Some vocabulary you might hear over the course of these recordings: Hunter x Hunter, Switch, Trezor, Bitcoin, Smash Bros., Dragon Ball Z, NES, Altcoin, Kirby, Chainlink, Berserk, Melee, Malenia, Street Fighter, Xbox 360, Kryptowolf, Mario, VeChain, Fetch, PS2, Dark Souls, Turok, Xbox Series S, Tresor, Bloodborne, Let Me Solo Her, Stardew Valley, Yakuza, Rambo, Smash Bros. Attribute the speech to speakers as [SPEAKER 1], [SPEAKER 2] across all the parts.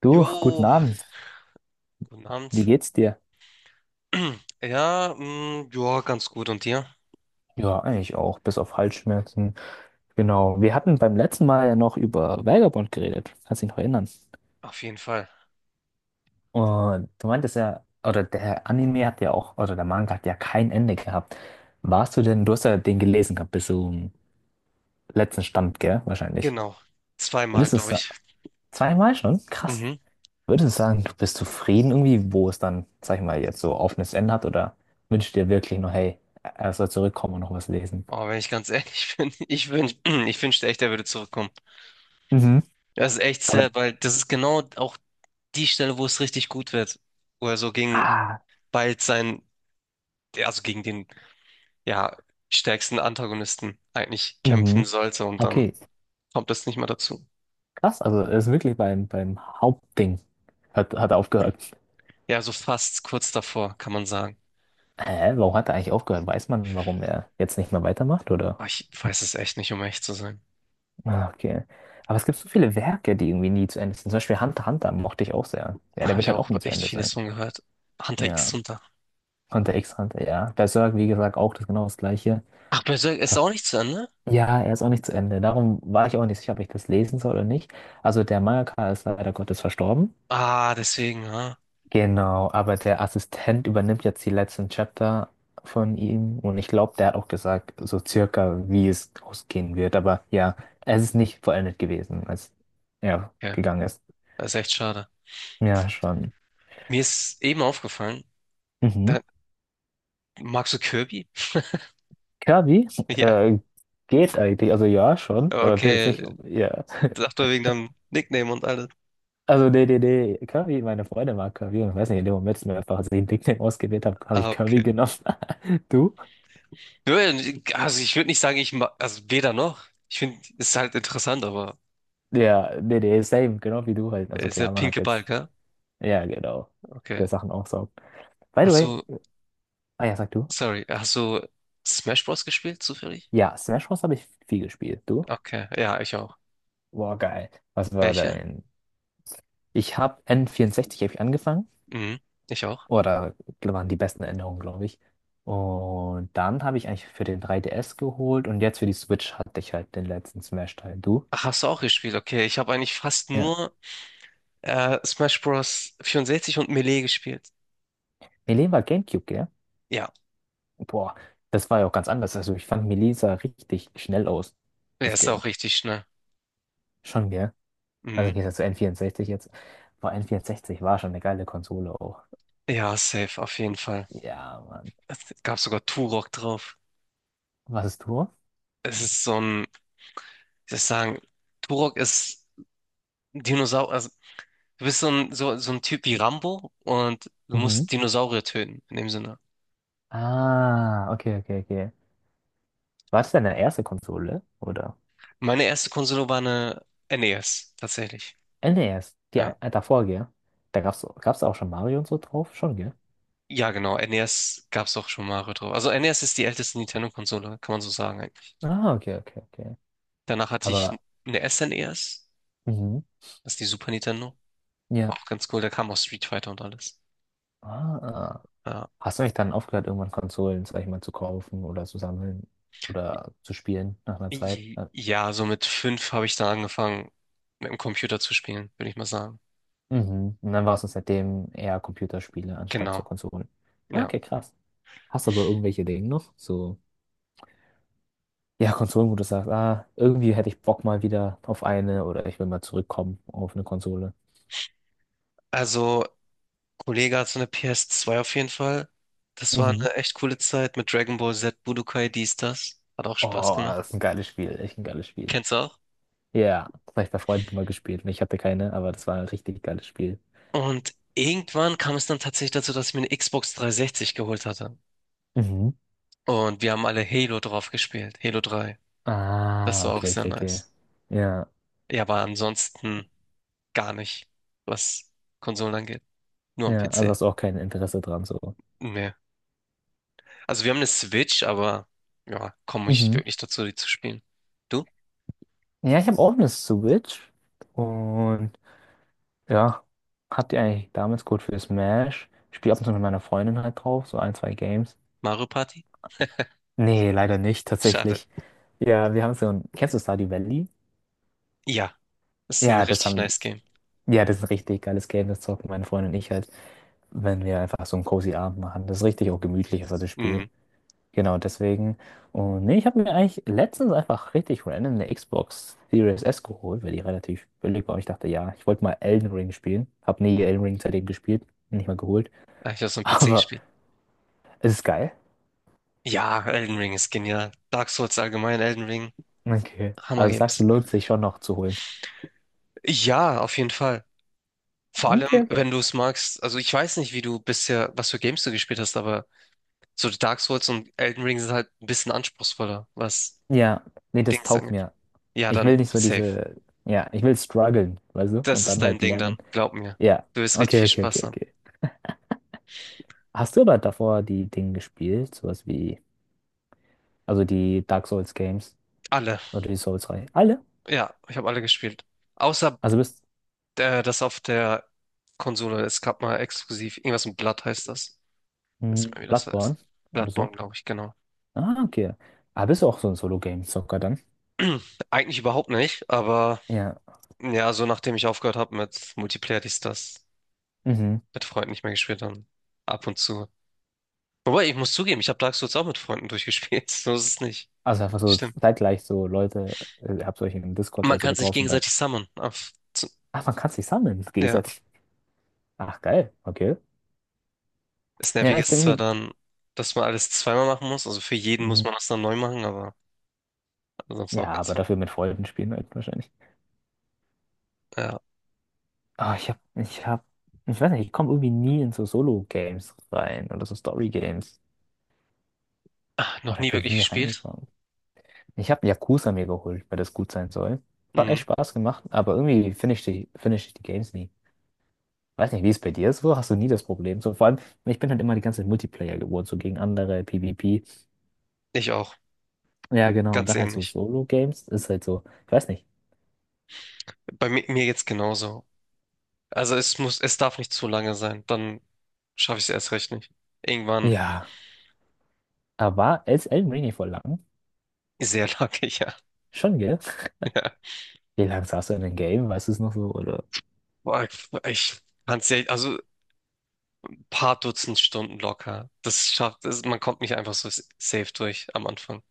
[SPEAKER 1] Du,
[SPEAKER 2] Jo,
[SPEAKER 1] guten Abend.
[SPEAKER 2] guten
[SPEAKER 1] Wie
[SPEAKER 2] Abend.
[SPEAKER 1] geht's dir?
[SPEAKER 2] Ja, ja, ganz gut. Und dir?
[SPEAKER 1] Ja, eigentlich auch, bis auf Halsschmerzen. Genau. Wir hatten beim letzten Mal ja noch über Vagabond geredet. Kannst dich noch erinnern?
[SPEAKER 2] Auf jeden Fall.
[SPEAKER 1] Und du meintest ja, oder der Anime hat ja auch, oder der Manga hat ja kein Ende gehabt. Warst du denn, du hast ja den gelesen gehabt bis zum letzten Stand, gell? Wahrscheinlich.
[SPEAKER 2] Genau. Zweimal,
[SPEAKER 1] Würdest du
[SPEAKER 2] glaube
[SPEAKER 1] sa-
[SPEAKER 2] ich.
[SPEAKER 1] Zweimal schon? Krass.
[SPEAKER 2] Mhm.
[SPEAKER 1] Würdest du sagen, du bist zufrieden irgendwie, wo es dann, sag ich mal, jetzt so offenes Ende hat? Oder wünschst du dir wirklich noch, hey, er soll zurückkommen und noch was lesen?
[SPEAKER 2] Aber wenn ich ganz ehrlich bin, ich wünschte echt, er würde zurückkommen.
[SPEAKER 1] Mhm.
[SPEAKER 2] Das ist echt sad, weil das ist genau auch die Stelle, wo es richtig gut wird. Wo er so gegen
[SPEAKER 1] Ah,
[SPEAKER 2] bald sein, also gegen den, ja, stärksten Antagonisten eigentlich kämpfen
[SPEAKER 1] mhm.
[SPEAKER 2] sollte und dann
[SPEAKER 1] Okay,
[SPEAKER 2] kommt das nicht mehr dazu.
[SPEAKER 1] krass. Also er ist wirklich beim Hauptding. Hat er aufgehört.
[SPEAKER 2] Ja, so fast kurz davor, kann man sagen.
[SPEAKER 1] Hä, warum hat er eigentlich aufgehört? Weiß man, warum er jetzt nicht mehr weitermacht, oder?
[SPEAKER 2] Aber ich weiß es echt nicht, um echt zu sein.
[SPEAKER 1] Ah, okay. Aber es gibt so viele Werke, die irgendwie nie zu Ende sind. Zum Beispiel Hunter x Hunter mochte ich auch sehr. Ja,
[SPEAKER 2] Da
[SPEAKER 1] der
[SPEAKER 2] habe
[SPEAKER 1] wird
[SPEAKER 2] ich
[SPEAKER 1] halt
[SPEAKER 2] auch
[SPEAKER 1] auch nie zu
[SPEAKER 2] echt
[SPEAKER 1] Ende sein.
[SPEAKER 2] vieles von gehört. Hunter x
[SPEAKER 1] Ja.
[SPEAKER 2] Hunter.
[SPEAKER 1] Hunter x Hunter, ja. Berserk, wie gesagt, auch das genau das Gleiche.
[SPEAKER 2] Ach, Berserk ist auch nicht zu Ende?
[SPEAKER 1] Ja, er ist auch nicht zu Ende. Darum war ich auch nicht sicher, ob ich das lesen soll oder nicht. Also der Mangaka ist leider Gottes verstorben.
[SPEAKER 2] Ah, deswegen, ja.
[SPEAKER 1] Genau, aber der Assistent übernimmt jetzt die letzten Chapter von ihm und ich glaube, der hat auch gesagt, so circa, wie es ausgehen wird. Aber ja, es ist nicht vollendet gewesen, als er
[SPEAKER 2] Okay,
[SPEAKER 1] gegangen ist.
[SPEAKER 2] das ist echt schade.
[SPEAKER 1] Ja, schon.
[SPEAKER 2] Mir ist eben aufgefallen,
[SPEAKER 1] Mhm.
[SPEAKER 2] da, magst du Kirby?
[SPEAKER 1] Kirby,
[SPEAKER 2] Ja,
[SPEAKER 1] äh, geht eigentlich. Also ja, schon, aber bin jetzt
[SPEAKER 2] okay.
[SPEAKER 1] nicht, ja.
[SPEAKER 2] Sag doch wegen deinem Nickname und alles.
[SPEAKER 1] Also nee, nee, nee. Kirby, meine Freundin mag Kirby und ich weiß nicht, in dem Moment, als ich mir einfach den Nickname ausgewählt habe, habe
[SPEAKER 2] Ah,
[SPEAKER 1] ich
[SPEAKER 2] okay.
[SPEAKER 1] Kirby genommen. Du?
[SPEAKER 2] Nö, also ich würde nicht sagen, ich mag, also weder noch. Ich finde, es ist halt interessant, aber
[SPEAKER 1] Ja, nee, nee, same, genau wie du halt. Also
[SPEAKER 2] ist der
[SPEAKER 1] klar, man hat
[SPEAKER 2] pinke Ball,
[SPEAKER 1] jetzt.
[SPEAKER 2] gell?
[SPEAKER 1] Ja, genau.
[SPEAKER 2] Okay.
[SPEAKER 1] Der Sachen aufsaugt. By the
[SPEAKER 2] Hast
[SPEAKER 1] way,
[SPEAKER 2] du,
[SPEAKER 1] ah ja, sag du.
[SPEAKER 2] sorry, hast du Smash Bros. Gespielt, zufällig?
[SPEAKER 1] Ja, Smash Bros. Habe ich viel gespielt. Du?
[SPEAKER 2] Okay, ja, ich auch.
[SPEAKER 1] Boah, geil. Was war
[SPEAKER 2] Welche?
[SPEAKER 1] dein? Ich habe n vierundsechzig hab ich angefangen.
[SPEAKER 2] Mhm, ich auch.
[SPEAKER 1] Oder waren die besten Erinnerungen, glaube ich. Und dann habe ich eigentlich für den 3DS geholt und jetzt für die Switch hatte ich halt den letzten Smash-Teil. Du?
[SPEAKER 2] Ach, hast du auch gespielt? Okay, ich habe eigentlich fast
[SPEAKER 1] Ja.
[SPEAKER 2] nur Smash Bros. 64 und Melee gespielt.
[SPEAKER 1] Melee war GameCube, gell?
[SPEAKER 2] Ja,
[SPEAKER 1] Boah, das war ja auch ganz anders. Also ich fand Melee sah richtig schnell aus,
[SPEAKER 2] er
[SPEAKER 1] das
[SPEAKER 2] ist
[SPEAKER 1] Game.
[SPEAKER 2] auch richtig schnell.
[SPEAKER 1] Schon, gell? Also im
[SPEAKER 2] Mhm.
[SPEAKER 1] Gegensatz zu N64 jetzt. Boah, N64 war schon eine geile Konsole auch.
[SPEAKER 2] Ja, safe, auf jeden Fall.
[SPEAKER 1] Ja, Mann.
[SPEAKER 2] Es gab sogar Turok drauf.
[SPEAKER 1] Was ist du?
[SPEAKER 2] Es ist so ein, ich soll ich sagen, Turok ist Dinosaurier. Also, du bist so ein Typ wie Rambo und du
[SPEAKER 1] Mhm.
[SPEAKER 2] musst Dinosaurier töten, in dem Sinne.
[SPEAKER 1] Ah, okay, okay, okay. War das deine erste Konsole? Oder?
[SPEAKER 2] Meine erste Konsole war eine NES, tatsächlich.
[SPEAKER 1] Nee, erst
[SPEAKER 2] Ja,
[SPEAKER 1] davor, gell? Da gab's auch schon Mario und so drauf? Schon, gell?
[SPEAKER 2] ja genau, NES gab es auch schon Mario drauf. Also NES ist die älteste Nintendo-Konsole, kann man so sagen.
[SPEAKER 1] Ah, okay, okay, okay.
[SPEAKER 2] Danach hatte ich
[SPEAKER 1] Aber,
[SPEAKER 2] eine SNES,
[SPEAKER 1] mhm.
[SPEAKER 2] das ist die Super Nintendo. War
[SPEAKER 1] Ja.
[SPEAKER 2] auch ganz cool, da kam auch Street Fighter und alles.
[SPEAKER 1] Ah, ah.
[SPEAKER 2] Ja,
[SPEAKER 1] Hast du nicht dann aufgehört, irgendwann Konsolen, sag ich mal, zu kaufen oder zu sammeln oder zu spielen nach einer Zeit?
[SPEAKER 2] ja, so mit fünf habe ich dann angefangen, mit dem Computer zu spielen, würde ich mal sagen.
[SPEAKER 1] Mhm. Und dann warst du seitdem eher Computerspiele anstatt
[SPEAKER 2] Genau,
[SPEAKER 1] zur Konsole.
[SPEAKER 2] ja.
[SPEAKER 1] Okay, krass. Hast du aber irgendwelche Dinge noch? So, ja, Konsolen, wo du sagst, ah, irgendwie hätte ich Bock mal wieder auf eine oder ich will mal zurückkommen auf eine Konsole.
[SPEAKER 2] Also, Kollege hat so eine PS2 auf jeden Fall. Das war
[SPEAKER 1] Mhm.
[SPEAKER 2] eine echt coole Zeit mit Dragon Ball Z, Budokai, dies, das. Hat auch Spaß
[SPEAKER 1] Oh,
[SPEAKER 2] gemacht.
[SPEAKER 1] das ist ein geiles Spiel, echt ein geiles Spiel.
[SPEAKER 2] Kennst du auch?
[SPEAKER 1] Ja, das habe ich bei Freunden mal gespielt und ich hatte keine, aber das war ein richtig geiles Spiel.
[SPEAKER 2] Und irgendwann kam es dann tatsächlich dazu, dass ich mir eine Xbox 360 geholt hatte.
[SPEAKER 1] Mhm.
[SPEAKER 2] Und wir haben alle Halo drauf gespielt, Halo 3. Das
[SPEAKER 1] Ah,
[SPEAKER 2] war auch
[SPEAKER 1] okay,
[SPEAKER 2] sehr
[SPEAKER 1] okay, okay.
[SPEAKER 2] nice.
[SPEAKER 1] Ja,
[SPEAKER 2] Ja, aber ansonsten gar nicht, was Konsolen angeht. Nur am
[SPEAKER 1] ja, also
[SPEAKER 2] PC.
[SPEAKER 1] hast du auch kein Interesse dran, so.
[SPEAKER 2] Nee. Also wir haben eine Switch, aber ja, komme ich
[SPEAKER 1] Mhm.
[SPEAKER 2] wirklich dazu, die zu spielen. Du?
[SPEAKER 1] Ja, ich habe auch eine Switch und ja, habt ihr eigentlich damals gut für Smash? Ich spiele ab und zu mit meiner Freundin halt drauf, so ein, zwei Games.
[SPEAKER 2] Mario Party?
[SPEAKER 1] Nee, leider nicht,
[SPEAKER 2] Schade.
[SPEAKER 1] tatsächlich. Ja, wir haben so ein. Kennst du Stardew Valley?
[SPEAKER 2] Ja, ist ein
[SPEAKER 1] Ja, das
[SPEAKER 2] richtig
[SPEAKER 1] haben.
[SPEAKER 2] nice Game.
[SPEAKER 1] Ja, das ist ein richtig geiles Game, das zocken meine Freundin und ich halt, wenn wir einfach so einen cozy Abend machen. Das ist richtig auch gemütlich, also das Spiel.
[SPEAKER 2] Mhm.
[SPEAKER 1] Genau, deswegen. Und nee, ich habe mir eigentlich letztens einfach richtig random eine Xbox Series S geholt, weil die relativ billig war. Und ich dachte, ja, ich wollte mal Elden Ring spielen. Hab nie Elden Ring seitdem gespielt, nicht mal geholt.
[SPEAKER 2] Hab Ich habe es am PC
[SPEAKER 1] Aber.
[SPEAKER 2] gespielt.
[SPEAKER 1] Ist es geil?
[SPEAKER 2] Ja, Elden Ring ist genial. Dark Souls allgemein, Elden Ring,
[SPEAKER 1] Okay.
[SPEAKER 2] Hammer
[SPEAKER 1] Also sagst du,
[SPEAKER 2] Games.
[SPEAKER 1] lohnt sich schon noch zu holen.
[SPEAKER 2] Ja, auf jeden Fall. Vor allem,
[SPEAKER 1] Okay, okay.
[SPEAKER 2] wenn du es magst. Also ich weiß nicht, wie du bisher, was für Games du gespielt hast, aber so Dark Souls und Elden Ring sind halt ein bisschen anspruchsvoller, was
[SPEAKER 1] Ja, nee, das
[SPEAKER 2] Dings dann.
[SPEAKER 1] taugt mir.
[SPEAKER 2] Ja,
[SPEAKER 1] Ich
[SPEAKER 2] dann
[SPEAKER 1] will nicht so
[SPEAKER 2] safe.
[SPEAKER 1] diese, ja, ich will strugglen, weißt du,
[SPEAKER 2] Das
[SPEAKER 1] und
[SPEAKER 2] ist
[SPEAKER 1] dann
[SPEAKER 2] dein
[SPEAKER 1] halt
[SPEAKER 2] Ding dann,
[SPEAKER 1] lernen.
[SPEAKER 2] glaub mir.
[SPEAKER 1] Ja,
[SPEAKER 2] Du wirst richtig
[SPEAKER 1] okay,
[SPEAKER 2] viel
[SPEAKER 1] okay,
[SPEAKER 2] Spaß
[SPEAKER 1] okay,
[SPEAKER 2] haben.
[SPEAKER 1] okay. Hast du aber davor die Dinge gespielt, sowas wie, also die Dark Souls Games
[SPEAKER 2] Alle.
[SPEAKER 1] oder die Souls-Reihe? Alle?
[SPEAKER 2] Ja, ich habe alle gespielt. Außer
[SPEAKER 1] Also bist.
[SPEAKER 2] das auf der Konsole. Es gab mal exklusiv. Irgendwas mit Blood heißt das. Weiß nicht
[SPEAKER 1] Hm,
[SPEAKER 2] mehr, wie das
[SPEAKER 1] Bloodborne
[SPEAKER 2] heißt.
[SPEAKER 1] oder
[SPEAKER 2] Bloodborne,
[SPEAKER 1] so?
[SPEAKER 2] glaube ich, genau.
[SPEAKER 1] Ah, okay. Ah, bist du auch so ein Solo-Game-Zocker dann?
[SPEAKER 2] Eigentlich überhaupt nicht, aber
[SPEAKER 1] Ja.
[SPEAKER 2] ja, so nachdem ich aufgehört habe mit Multiplayer, dies, das,
[SPEAKER 1] Mhm.
[SPEAKER 2] mit Freunden nicht mehr gespielt dann ab und zu. Wobei, ich muss zugeben, ich habe Dark Souls auch mit Freunden durchgespielt. So ist es nicht.
[SPEAKER 1] Also einfach so
[SPEAKER 2] Stimmt.
[SPEAKER 1] zeitgleich so Leute, habt euch im Discord
[SPEAKER 2] Man
[SPEAKER 1] oder so
[SPEAKER 2] kann sich
[SPEAKER 1] getroffen, dann.
[SPEAKER 2] gegenseitig summonen. Auf, zu,
[SPEAKER 1] Ach, man kann sich sammeln. Das geht
[SPEAKER 2] ja.
[SPEAKER 1] halt. Ach, geil. Okay.
[SPEAKER 2] Das
[SPEAKER 1] Ja,
[SPEAKER 2] Nervige
[SPEAKER 1] ich
[SPEAKER 2] ist
[SPEAKER 1] bin
[SPEAKER 2] zwar
[SPEAKER 1] irgendwie.
[SPEAKER 2] dann, dass man alles zweimal machen muss, also für jeden muss
[SPEAKER 1] Hm.
[SPEAKER 2] man das dann neu machen, aber sonst
[SPEAKER 1] Ja,
[SPEAKER 2] auch ganz,
[SPEAKER 1] aber dafür mit Freunden spielen halt wahrscheinlich.
[SPEAKER 2] ja.
[SPEAKER 1] Ah, ich weiß nicht, ich komme irgendwie nie in so Solo-Games rein oder so Story-Games.
[SPEAKER 2] Ah, noch
[SPEAKER 1] Oder ich
[SPEAKER 2] nie
[SPEAKER 1] bin
[SPEAKER 2] wirklich
[SPEAKER 1] nie
[SPEAKER 2] gespielt.
[SPEAKER 1] reingekommen. Ich habe Yakuza mir geholt, weil das gut sein soll. Hat
[SPEAKER 2] Mhm.
[SPEAKER 1] echt Spaß gemacht, aber irgendwie finde ich die Games nie. Weiß nicht, wie es bei dir ist, wo hast du nie das Problem? So, vor allem, ich bin halt immer die ganze Zeit Multiplayer geworden, so gegen andere, PvP.
[SPEAKER 2] Ich auch,
[SPEAKER 1] Ja, genau. Und
[SPEAKER 2] ganz
[SPEAKER 1] dann halt so
[SPEAKER 2] ähnlich.
[SPEAKER 1] Solo-Games ist halt so, ich weiß nicht.
[SPEAKER 2] Bei mi mir jetzt genauso. Also es muss, es darf nicht zu lange sein, dann schaffe ich es erst recht nicht. Irgendwann
[SPEAKER 1] Ja. Aber ist elf Mini voll lang?
[SPEAKER 2] sehr lange, ja,
[SPEAKER 1] Schon, gell?
[SPEAKER 2] ja.
[SPEAKER 1] Wie lange saß du in dem Game? Weißt du es noch so? Oder?
[SPEAKER 2] Boah, ich kann's ja, also ein paar Dutzend Stunden locker. Das schafft, das, man kommt nicht einfach so safe durch am Anfang.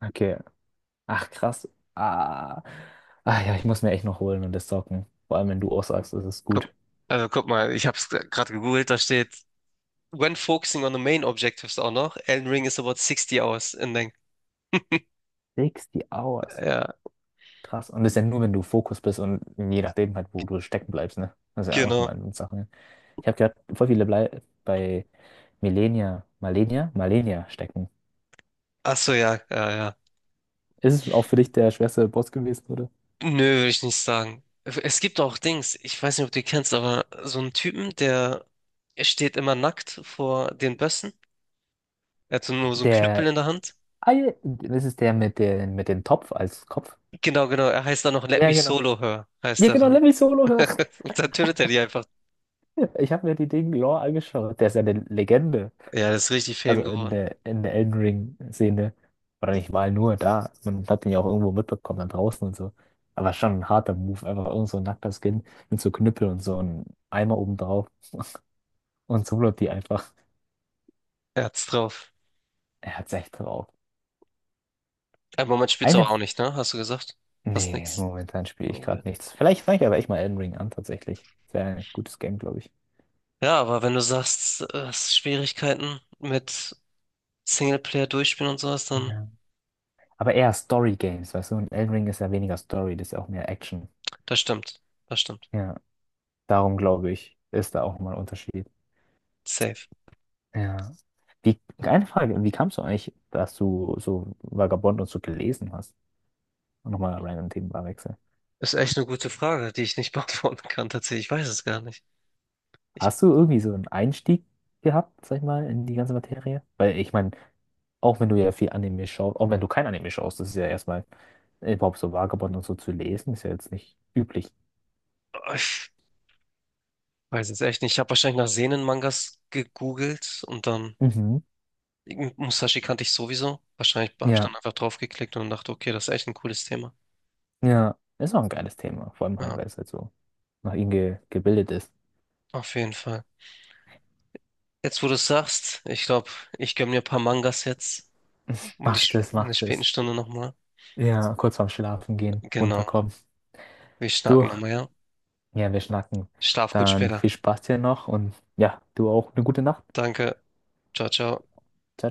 [SPEAKER 1] Okay. Ach, krass. Ah. Ach ja, ich muss mir echt noch holen und das zocken. Vor allem, wenn du auch sagst, das ist
[SPEAKER 2] Guck,
[SPEAKER 1] gut.
[SPEAKER 2] also guck mal, ich habe es gerade gegoogelt, da steht when focusing on the main objectives auch noch, Elden Ring is about 60 hours in length.
[SPEAKER 1] 60 Hours.
[SPEAKER 2] Ja,
[SPEAKER 1] Krass. Und das ist ja nur, wenn du Fokus bist und je nachdem halt, wo du stecken bleibst, ne? Das ist ja auch
[SPEAKER 2] genau.
[SPEAKER 1] nochmal eine Sache, ne? Ich habe gehört, voll viele blei bei Malenia stecken.
[SPEAKER 2] Ach so, ja, ja, ja.
[SPEAKER 1] Ist es auch für dich der schwerste Boss gewesen, oder?
[SPEAKER 2] Nö, würde ich nicht sagen. Es gibt auch Dings, ich weiß nicht, ob du die kennst, aber so einen Typen, der steht immer nackt vor den Bössen. Er hat so nur so einen Knüppel
[SPEAKER 1] Der,
[SPEAKER 2] in der Hand.
[SPEAKER 1] ah, ja, das ist der mit dem Topf als Kopf.
[SPEAKER 2] Genau, genau. Er heißt dann noch Let
[SPEAKER 1] Ja,
[SPEAKER 2] Me
[SPEAKER 1] genau.
[SPEAKER 2] Solo Her, heißt
[SPEAKER 1] Ja,
[SPEAKER 2] er
[SPEAKER 1] genau,
[SPEAKER 2] dann.
[SPEAKER 1] Lemmy Solo.
[SPEAKER 2] Und dann tötet er die einfach.
[SPEAKER 1] Ich habe mir die Ding Lore angeschaut. Der ist ja eine Legende.
[SPEAKER 2] Ja, das ist richtig
[SPEAKER 1] Also
[SPEAKER 2] Fame
[SPEAKER 1] in
[SPEAKER 2] geworden.
[SPEAKER 1] der, in der Elden Ring-Szene. Oder nicht mal nur da. Man hat ihn ja auch irgendwo mitbekommen, dann draußen und so. Aber schon ein harter Move. Einfach irgend so ein nackter Skin mit so Knüppel und so einem Eimer oben drauf. Und so wird die einfach.
[SPEAKER 2] Er hat's drauf.
[SPEAKER 1] Er hat's echt drauf.
[SPEAKER 2] Aber man spielt's aber
[SPEAKER 1] Eine.
[SPEAKER 2] auch nicht, ne? Hast du gesagt? Fast
[SPEAKER 1] Nee,
[SPEAKER 2] nix.
[SPEAKER 1] momentan spiele ich gerade nichts. Vielleicht fange ich aber echt mal Elden Ring an, tatsächlich. Ist ja ein gutes Game, glaube ich.
[SPEAKER 2] Ja, aber wenn du sagst, hast Schwierigkeiten mit Singleplayer durchspielen und sowas, dann
[SPEAKER 1] Ja. Aber eher Story-Games, weißt du? Und Elden Ring ist ja weniger Story, das ist ja auch mehr Action.
[SPEAKER 2] das stimmt. Das stimmt.
[SPEAKER 1] Ja. Darum glaube ich, ist da auch mal ein Unterschied.
[SPEAKER 2] Safe.
[SPEAKER 1] Ja. Wie, eine Frage, wie kamst du eigentlich, dass du so Vagabond und so gelesen hast? Und nochmal random Themenwechsel.
[SPEAKER 2] Ist echt eine gute Frage, die ich nicht beantworten kann, tatsächlich. Ich weiß es gar nicht. Ich,
[SPEAKER 1] Hast du irgendwie so einen Einstieg gehabt, sag ich mal, in die ganze Materie? Weil ich meine, auch wenn du ja viel Anime schaust, auch wenn du kein Anime schaust, das ist ja erstmal überhaupt so Vagabond und so zu lesen, ist ja jetzt nicht üblich.
[SPEAKER 2] ich weiß es echt nicht. Ich habe wahrscheinlich nach Seinen-Mangas gegoogelt und dann
[SPEAKER 1] Mhm.
[SPEAKER 2] Musashi kannte ich sowieso. Wahrscheinlich habe ich
[SPEAKER 1] Ja,
[SPEAKER 2] dann einfach draufgeklickt und dachte, okay, das ist echt ein cooles Thema.
[SPEAKER 1] ja. Ist auch ein geiles Thema, vor allem halt,
[SPEAKER 2] Ja,
[SPEAKER 1] weil es halt so nach ihm ge gebildet ist.
[SPEAKER 2] auf jeden Fall. Jetzt, wo du es sagst, ich glaube, ich gönne mir ein paar Mangas jetzt, um die
[SPEAKER 1] Macht es,
[SPEAKER 2] In der
[SPEAKER 1] macht
[SPEAKER 2] späten
[SPEAKER 1] es.
[SPEAKER 2] Stunde nochmal.
[SPEAKER 1] Ja, kurz vorm Schlafen gehen,
[SPEAKER 2] Genau.
[SPEAKER 1] runterkommen.
[SPEAKER 2] Wir schnacken
[SPEAKER 1] Du,
[SPEAKER 2] nochmal, ja?
[SPEAKER 1] ja, wir schnacken.
[SPEAKER 2] Schlaf gut
[SPEAKER 1] Dann
[SPEAKER 2] später.
[SPEAKER 1] viel Spaß dir noch und ja, du auch eine gute Nacht.
[SPEAKER 2] Danke. Ciao, ciao.
[SPEAKER 1] Ciao, ciao.